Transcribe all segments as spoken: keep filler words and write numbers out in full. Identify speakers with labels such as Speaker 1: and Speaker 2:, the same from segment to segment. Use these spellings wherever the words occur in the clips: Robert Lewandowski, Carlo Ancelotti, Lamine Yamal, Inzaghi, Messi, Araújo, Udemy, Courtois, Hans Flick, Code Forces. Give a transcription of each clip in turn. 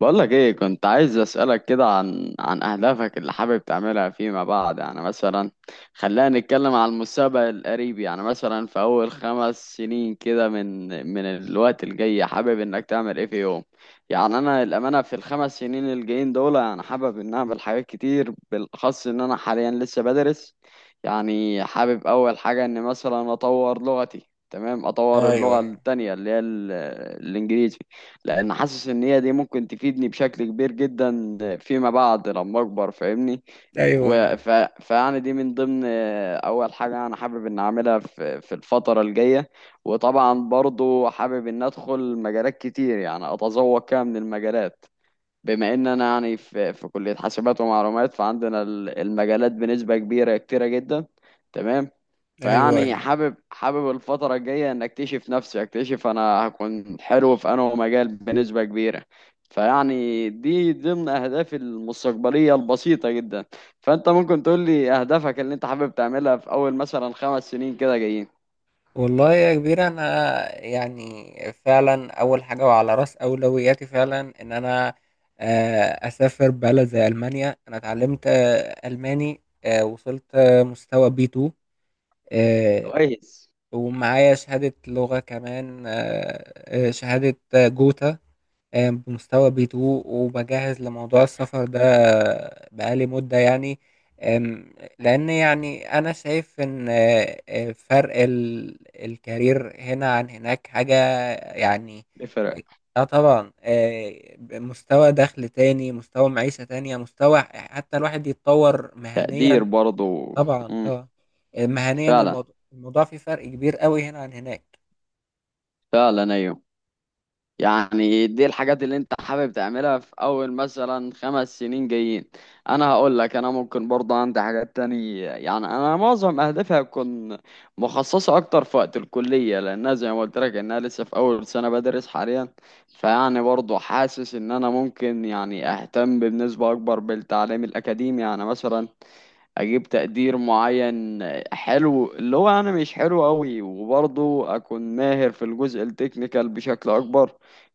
Speaker 1: بقولك ايه، كنت عايز اسألك كده عن عن اهدافك اللي حابب تعملها فيما بعد. يعني مثلا خلينا نتكلم على المستقبل القريب. يعني مثلا في اول خمس سنين كده من من الوقت الجاي، حابب انك تعمل ايه في يوم؟ يعني انا الامانة في الخمس سنين الجايين دول، انا حابب ان اعمل حاجات كتير، بالاخص ان انا حاليا لسه بدرس. يعني حابب اول حاجة ان مثلا اطور لغتي، تمام، اطور
Speaker 2: ايوه،
Speaker 1: اللغة
Speaker 2: ايوه،
Speaker 1: التانية اللي هي ال- الانجليزي، لان حاسس ان هي دي ممكن تفيدني بشكل كبير جدا فيما بعد لما اكبر، فاهمني؟
Speaker 2: ايوه، ايوه،
Speaker 1: و- ف... فيعني دي من ضمن آه، اول حاجه انا حابب ان اعملها في في الفتره الجايه. وطبعا برضو حابب ان ادخل مجالات كتير، يعني اتذوق كده من المجالات. بما ان انا يعني في في كلية حاسبات ومعلومات، فعندنا ال- المجالات بنسبة كبيرة، كتيرة جدا، تمام.
Speaker 2: ايوه،
Speaker 1: فيعني
Speaker 2: ايوه.
Speaker 1: حابب حابب الفترة الجاية ان اكتشف نفسي، اكتشف انا هكون حلو في انه مجال بنسبة كبيرة. فيعني دي ضمن اهدافي المستقبلية البسيطة جدا. فانت ممكن تقول لي اهدافك اللي انت حابب تعملها في اول مثلا خمس سنين كده جايين؟
Speaker 2: والله يا كبير، انا يعني فعلا اول حاجه وعلى راس اولوياتي فعلا ان انا آه، اسافر بلد زي المانيا. انا اتعلمت آه، الماني، آه، وصلت آه، مستوى بي تو،
Speaker 1: كويس.
Speaker 2: ومعايا شهاده لغه كمان، آه، آه، شهاده آه، جوتا، آه، بمستوى بي تو. وبجهز لموضوع السفر ده بقالي مدة يعني. آم، لأن يعني أنا شايف إن آه، آه، فرق ال- الكارير هنا عن هناك حاجة يعني.
Speaker 1: يفرق.
Speaker 2: اه طبعا، آه، مستوى دخل تاني، مستوى معيشة تانية، مستوى حتى الواحد يتطور
Speaker 1: تقدير
Speaker 2: مهنيا.
Speaker 1: برضو.
Speaker 2: طبعا،
Speaker 1: مم.
Speaker 2: طبعا. آه، مهنيا،
Speaker 1: فعلا.
Speaker 2: الموضوع الموضوع فيه فرق كبير قوي هنا عن هناك.
Speaker 1: فعلا، ايوه. يعني دي الحاجات اللي انت حابب تعملها في اول مثلا خمس سنين جايين. انا هقول لك انا ممكن برضه عندي حاجات تانية. يعني انا معظم اهدافي هتكون مخصصة اكتر في وقت الكلية، لانها زي ما قلت لك انها لسه في اول سنة بدرس حاليا. فيعني برضه حاسس ان انا ممكن يعني اهتم بنسبة اكبر بالتعليم الاكاديمي، يعني مثلا اجيب تقدير معين حلو، اللي هو انا مش حلو قوي، وبرضه اكون ماهر في الجزء التكنيكال بشكل اكبر،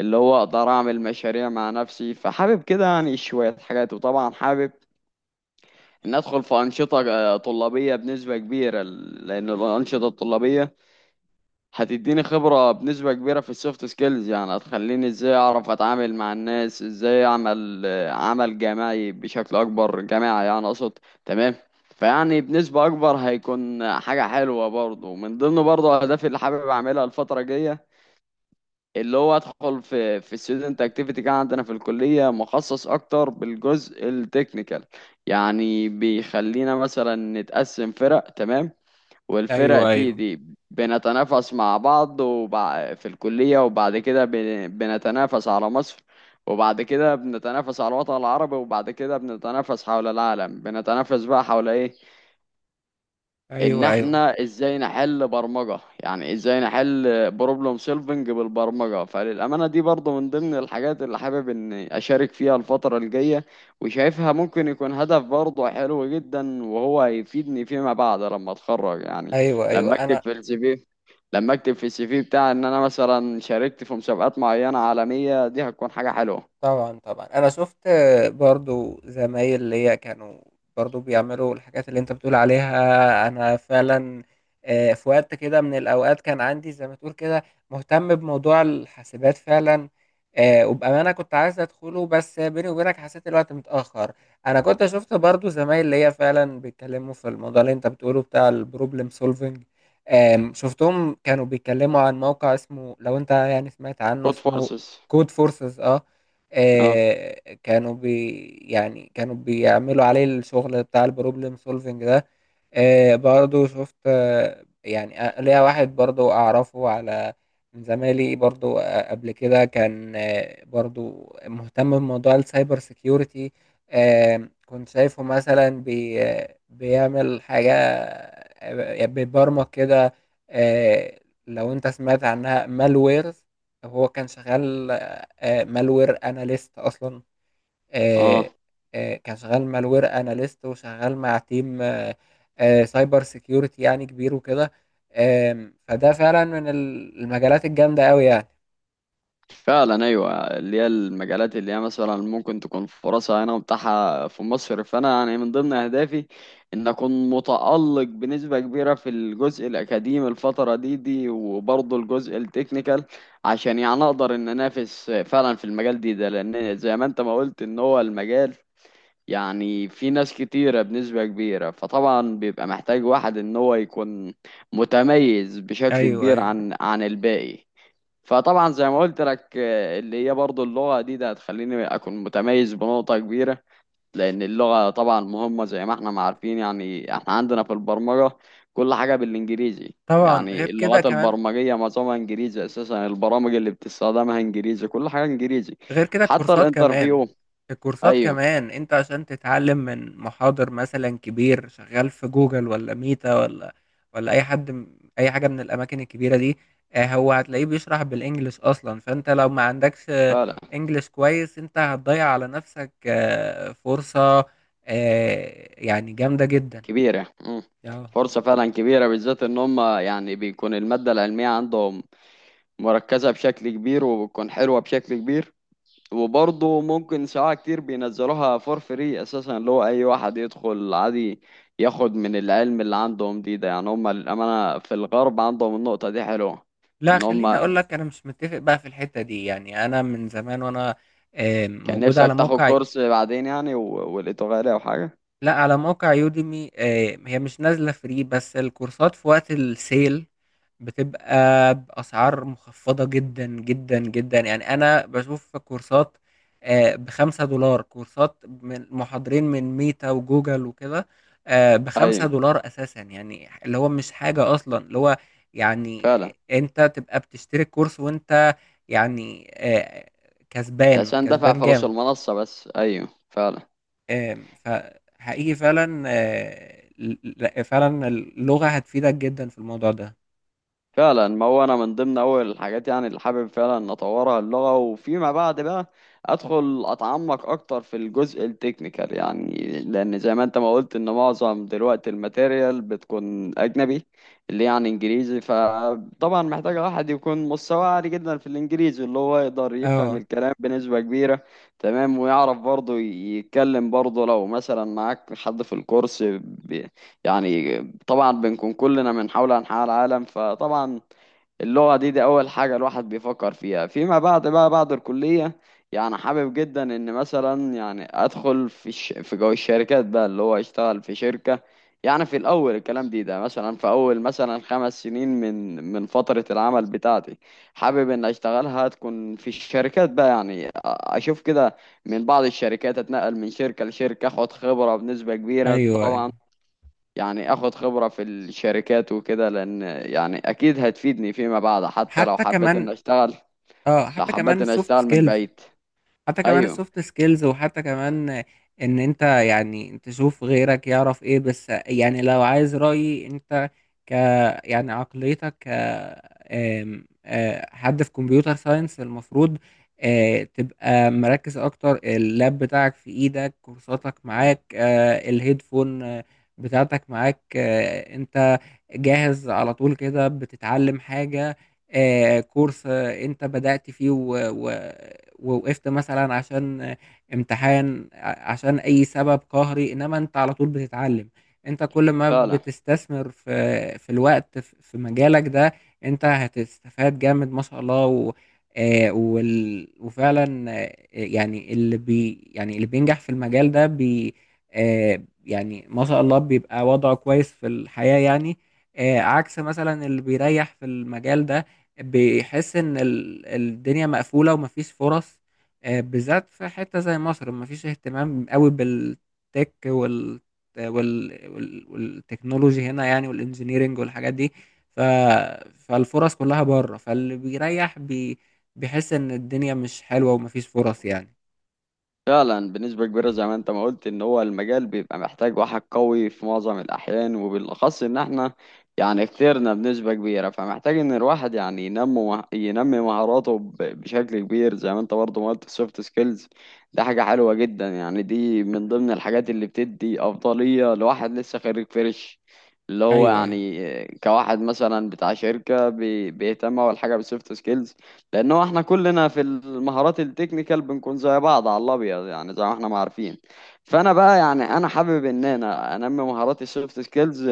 Speaker 1: اللي هو اقدر اعمل مشاريع مع نفسي. فحابب كده يعني شوية حاجات. وطبعا حابب ان ادخل في انشطة آه، طلابية بنسبة كبيرة، لان الانشطة الطلابية هتديني خبرة بنسبة كبيرة في السوفت سكيلز، يعني هتخليني ازاي اعرف اتعامل مع الناس، ازاي اعمل آه، عمل جماعي بشكل اكبر، جماعي يعني اقصد، تمام. فيعني بنسبة اكبر هيكون حاجة حلوة برضه، من ضمن برضه اهدافي اللي حابب اعملها الفترة الجاية، اللي هو ادخل في في student activity كان عندنا في الكلية، مخصص اكتر بالجزء التكنيكال، يعني بيخلينا مثلا نتقسم فرق، تمام. والفرق
Speaker 2: ايوه،
Speaker 1: دي
Speaker 2: ايوه،
Speaker 1: دي بنتنافس مع بعض وبع... في الكلية، وبعد كده بن... بنتنافس على مصر، وبعد كده بنتنافس على الوطن العربي، وبعد كده بنتنافس حول العالم، بنتنافس بقى حول ايه؟ ان
Speaker 2: ايوه، ايوه،
Speaker 1: احنا ازاي نحل برمجة، يعني ازاي نحل بروبلم سولفنج بالبرمجة. فللأمانة دي برضو من ضمن الحاجات اللي حابب اني اشارك فيها الفترة الجاية، وشايفها ممكن يكون هدف برضو حلو جدا، وهو هيفيدني فيما بعد لما اتخرج يعني،
Speaker 2: ايوه، ايوه،
Speaker 1: لما اكتب
Speaker 2: انا
Speaker 1: في السي في لما اكتب في السي في بتاعي ان انا مثلا شاركت في مسابقات معينة عالمية، دي هتكون حاجة حلوة.
Speaker 2: طبعًا، طبعًا. أنا شُفت برضه زمايل ليّا كانوا برضه بيعملوا الحاجات اللي أنت بتقول عليها، أنا فعلًا. آآ في وقت كده من الأوقات كان عندي زي ما تقول كده مهتم بموضوع الحاسبات فعلًا. آآ وبأمانة كنت عايز أدخله، بس بيني وبينك حسّيت الوقت متأخّر. أنا كنت شُفت برضه زمايل ليّا فعلًا بيتكلّموا في الموضوع اللي أنت بتقوله بتاع الproblem solving. آمم شُفتهم كانوا بيتكلّموا عن موقع اسمه، لو أنت يعني سمعت عنه،
Speaker 1: كود
Speaker 2: اسمه
Speaker 1: فورسز.
Speaker 2: Code Forces. آه.
Speaker 1: اه.
Speaker 2: آه، كانوا بي يعني كانوا بيعملوا عليه الشغل بتاع البروبلم سولفنج ده. آه برضو شفت، آه يعني آه، ليا واحد برضو أعرفه، على من زمايلي برضو، آه قبل كده كان آه برضو مهتم بموضوع السايبر سيكيورتي. آه كنت شايفه مثلا بي آه، بيعمل حاجة، آه، بيبرمج كده. آه لو أنت سمعت عنها مالويرز، هو كان شغال آه مالوير أناليست أصلا.
Speaker 1: اه،
Speaker 2: آه، آه، كان شغال مالوير اناليست وشغال مع تيم آه، آه، سايبر سيكيورتي يعني كبير وكده. آم، فده فعلا من ال- المجالات الجامدة قوي يعني.
Speaker 1: فعلا، ايوه. اللي هي المجالات اللي هي مثلا ممكن تكون فرصها هنا متاحه في مصر. فانا يعني من ضمن اهدافي ان اكون متالق بنسبه كبيره في الجزء الاكاديمي الفتره دي دي، وبرضه الجزء التكنيكال، عشان يعني اقدر ان انافس فعلا في المجال دي ده، لان زي ما انت ما قلت ان هو المجال يعني في ناس كتيره بنسبه كبيره، فطبعا بيبقى محتاج واحد ان هو يكون متميز بشكل
Speaker 2: ايوه،
Speaker 1: كبير
Speaker 2: ايوه.
Speaker 1: عن عن الباقي. فطبعا زي ما قلت لك، آه، اللي هي برضو اللغة دي ده هتخليني أكون متميز بنقطة كبيرة، لأن اللغة طبعا مهمة، زي ما احنا ما عارفين. يعني احنا عندنا في البرمجة كل حاجة بالإنجليزي،
Speaker 2: طبعا غير
Speaker 1: يعني
Speaker 2: كده
Speaker 1: اللغات
Speaker 2: كمان،
Speaker 1: البرمجية معظمها إنجليزي أساسا، البرامج اللي بتستخدمها إنجليزي، كل حاجة إنجليزي،
Speaker 2: غير كده
Speaker 1: وحتى
Speaker 2: الكورسات كمان.
Speaker 1: الانترفيو.
Speaker 2: الكورسات
Speaker 1: أيوه.
Speaker 2: كمان انت عشان تتعلم من محاضر مثلا كبير شغال في جوجل ولا ميتا ولا ولا اي حد، م- اي حاجه من الاماكن الكبيره دي، آه، هو هتلاقيه بيشرح بالانجلش اصلا. فانت لو ما عندكش آه،
Speaker 1: فعلا
Speaker 2: انجلش كويس، انت هتضيع على نفسك آه، فرصه آه، يعني جامده جدا.
Speaker 1: كبيرة. مم.
Speaker 2: اه،
Speaker 1: فرصة فعلا كبيرة، بالذات إن هم يعني بيكون المادة العلمية عندهم مركزة بشكل كبير، وبتكون حلوة بشكل كبير. وبرضه ممكن ساعات كتير بينزلوها فور فري اساسا، اللي هو اي واحد يدخل عادي ياخد من العلم اللي عندهم دي ده. يعني هم للامانه في الغرب عندهم النقطه دي حلوه،
Speaker 2: لا
Speaker 1: ان هم
Speaker 2: خليني اقول لك، انا مش متفق بقى في الحته دي. يعني انا من زمان وانا آه،
Speaker 1: كان
Speaker 2: موجود على
Speaker 1: نفسك تاخد
Speaker 2: موقع،
Speaker 1: كورس بعدين يعني، و- ولقيته غالي او حاجه.
Speaker 2: لا، على موقع يوديمي. آه، هي مش نازلة فري، بس الكورسات في وقت السيل بتبقى بأسعار مخفضة جدا جدا جدا. يعني أنا بشوف كورسات آه، بخمسة دولار، كورسات من محاضرين من ميتا وجوجل وكده آه، بخمسة
Speaker 1: ايوه
Speaker 2: دولار أساسا. يعني اللي هو مش حاجة أصلا. اللي هو يعني
Speaker 1: فعلا.
Speaker 2: أنت تبقى بتشتري كورس وأنت يعني آه،
Speaker 1: انت
Speaker 2: كسبان
Speaker 1: عشان دافع
Speaker 2: كسبان
Speaker 1: فلوس
Speaker 2: جامد.
Speaker 1: المنصه بس، ايوه فعلا.
Speaker 2: آم، فحقيقي فعلًا، آآ، ل لأ فعلًا اللغة هتفيدك جدًا في الموضوع ده.
Speaker 1: فعلا، ما هو انا من ضمن اول الحاجات يعني اللي حابب فعلا ان اطورها اللغه، وفيما بعد بقى ادخل اتعمق اكتر في الجزء التكنيكال، يعني لان زي ما انت ما قلت ان معظم دلوقتي الماتيريال بتكون اجنبي، اللي يعني انجليزي. فطبعا محتاج واحد يكون مستوى عالي جدا في الانجليزي، اللي هو يقدر يفهم
Speaker 2: آه،
Speaker 1: الكلام بنسبه كبيره، تمام. ويعرف برضه يتكلم برضه، لو مثلا معاك حد في الكورس يعني، طبعا بنكون كلنا من حول أنحاء العالم، فطبعا اللغة دي دي أول حاجة الواحد بيفكر فيها. فيما بعد بقى بعد الكلية يعني، حابب جدا إن مثلا يعني أدخل في ش... في جو الشركات بقى، اللي هو أشتغل في شركة. يعني في الأول الكلام دي ده، مثلا في أول مثلا خمس سنين من من فترة العمل بتاعتي، حابب إن أشتغلها تكون في الشركات بقى، يعني أ- أشوف كده من بعض الشركات، أتنقل من شركة لشركة، أخد خبرة بنسبة كبيرة
Speaker 2: أيوه، أيوه.
Speaker 1: طبعا. يعني اخد خبرة في الشركات وكده، لان يعني اكيد هتفيدني فيما بعد حتى لو
Speaker 2: حتى
Speaker 1: حبيت ان
Speaker 2: كمان،
Speaker 1: اشتغل،
Speaker 2: آه،
Speaker 1: لو
Speaker 2: حتى
Speaker 1: حبيت
Speaker 2: كمان
Speaker 1: ان
Speaker 2: الsoft
Speaker 1: اشتغل من
Speaker 2: skills.
Speaker 1: بعيد.
Speaker 2: حتى كمان
Speaker 1: ايوه.
Speaker 2: السوفت سكيلز، وحتى كمان ان انت يعني تشوف غيرك يعرف ايه. بس يعني لو عايز رأيي، انت ك يعني عقليتك ك آم، آه، حد في كمبيوتر ساينس المفروض آه، تبقى مركز اكتر. اللاب بتاعك في ايدك، كورساتك معاك، آه، الهيدفون آه، بتاعتك معاك. آه، انت جاهز على طول كده بتتعلم حاجة، آه، كورس آه، انت بدأت فيه و- و- ووقفت مثلا عشان آه، امتحان، ع- عشان اي سبب قهري. انما انت على طول بتتعلم. انت كل ما
Speaker 1: فعلا.
Speaker 2: بتستثمر في في الوقت في في مجالك ده، انت هتستفاد جامد ما شاء الله. و آه، وال- وفعلا آه، يعني اللي بي يعني اللي بينجح في المجال ده بي آه، يعني ما شاء الله بيبقى وضعه كويس في الحياة يعني. آه، عكس مثلا اللي بيريح في المجال ده بيحس ان ال- الدنيا مقفولة ومفيش فرص. آه، بالذات في حتة زي مصر مفيش اهتمام قوي بالتك وال وال وال- والتكنولوجي هنا يعني، والانجينيرينج والحاجات دي. ف... فالفرص كلها بره. فاللي بيريح بي... بيحس ان الدنيا مش حلوة ومفيش فرص يعني.
Speaker 1: فعلا، بنسبة كبيرة زي ما انت ما قلت ان هو المجال بيبقى محتاج واحد قوي في معظم الاحيان، وبالاخص ان احنا يعني كترنا بنسبة كبيرة. فمحتاج ان الواحد يعني ينمو ينمي مهاراته ب- بشكل كبير، زي ما انت برضه ما قلت السوفت سكيلز، ده حاجة حلوة جدا. يعني دي من ضمن الحاجات اللي بتدي افضلية لواحد لسه خريج فريش، اللي هو
Speaker 2: ايوه، ايوه.
Speaker 1: يعني كواحد مثلا بتاع شركة بي- بيهتم اول حاجة بالسوفت سكيلز، لان هو احنا كلنا في المهارات التكنيكال بنكون زي بعض على الابيض، يعني زي ما احنا ما عارفين. فانا بقى يعني انا حابب ان انا انمي مهاراتي السوفت سكيلز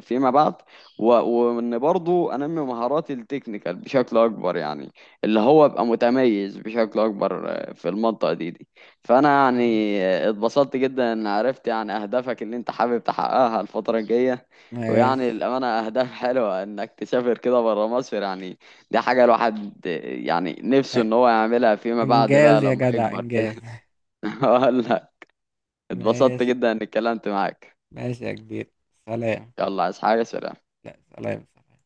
Speaker 1: فيما بعد، و- وان برضو انمي مهاراتي التكنيكال بشكل اكبر يعني، اللي هو ابقى متميز بشكل اكبر آه، في المنطقه دي دي. فانا يعني
Speaker 2: ماشي،
Speaker 1: آه، اتبسطت جدا ان عرفت يعني اهدافك اللي انت حابب تحققها الفتره الجايه.
Speaker 2: ماشي.
Speaker 1: ويعني الامانه اهداف حلوه انك تسافر كده بره مصر يعني، دي حاجة الواحد يعني نفسه ان هو يعملها فيما بعد بقى
Speaker 2: انجاز يا
Speaker 1: لما
Speaker 2: جدع،
Speaker 1: يكبر كده.
Speaker 2: انجاز.
Speaker 1: اقول لك، اتبسطت
Speaker 2: ماشي،
Speaker 1: جدا اني اتكلمت معاك.
Speaker 2: ماشي يا كبير. سلام.
Speaker 1: يلا، عايز حاجة؟ سلام.
Speaker 2: لا، سلام، سلام.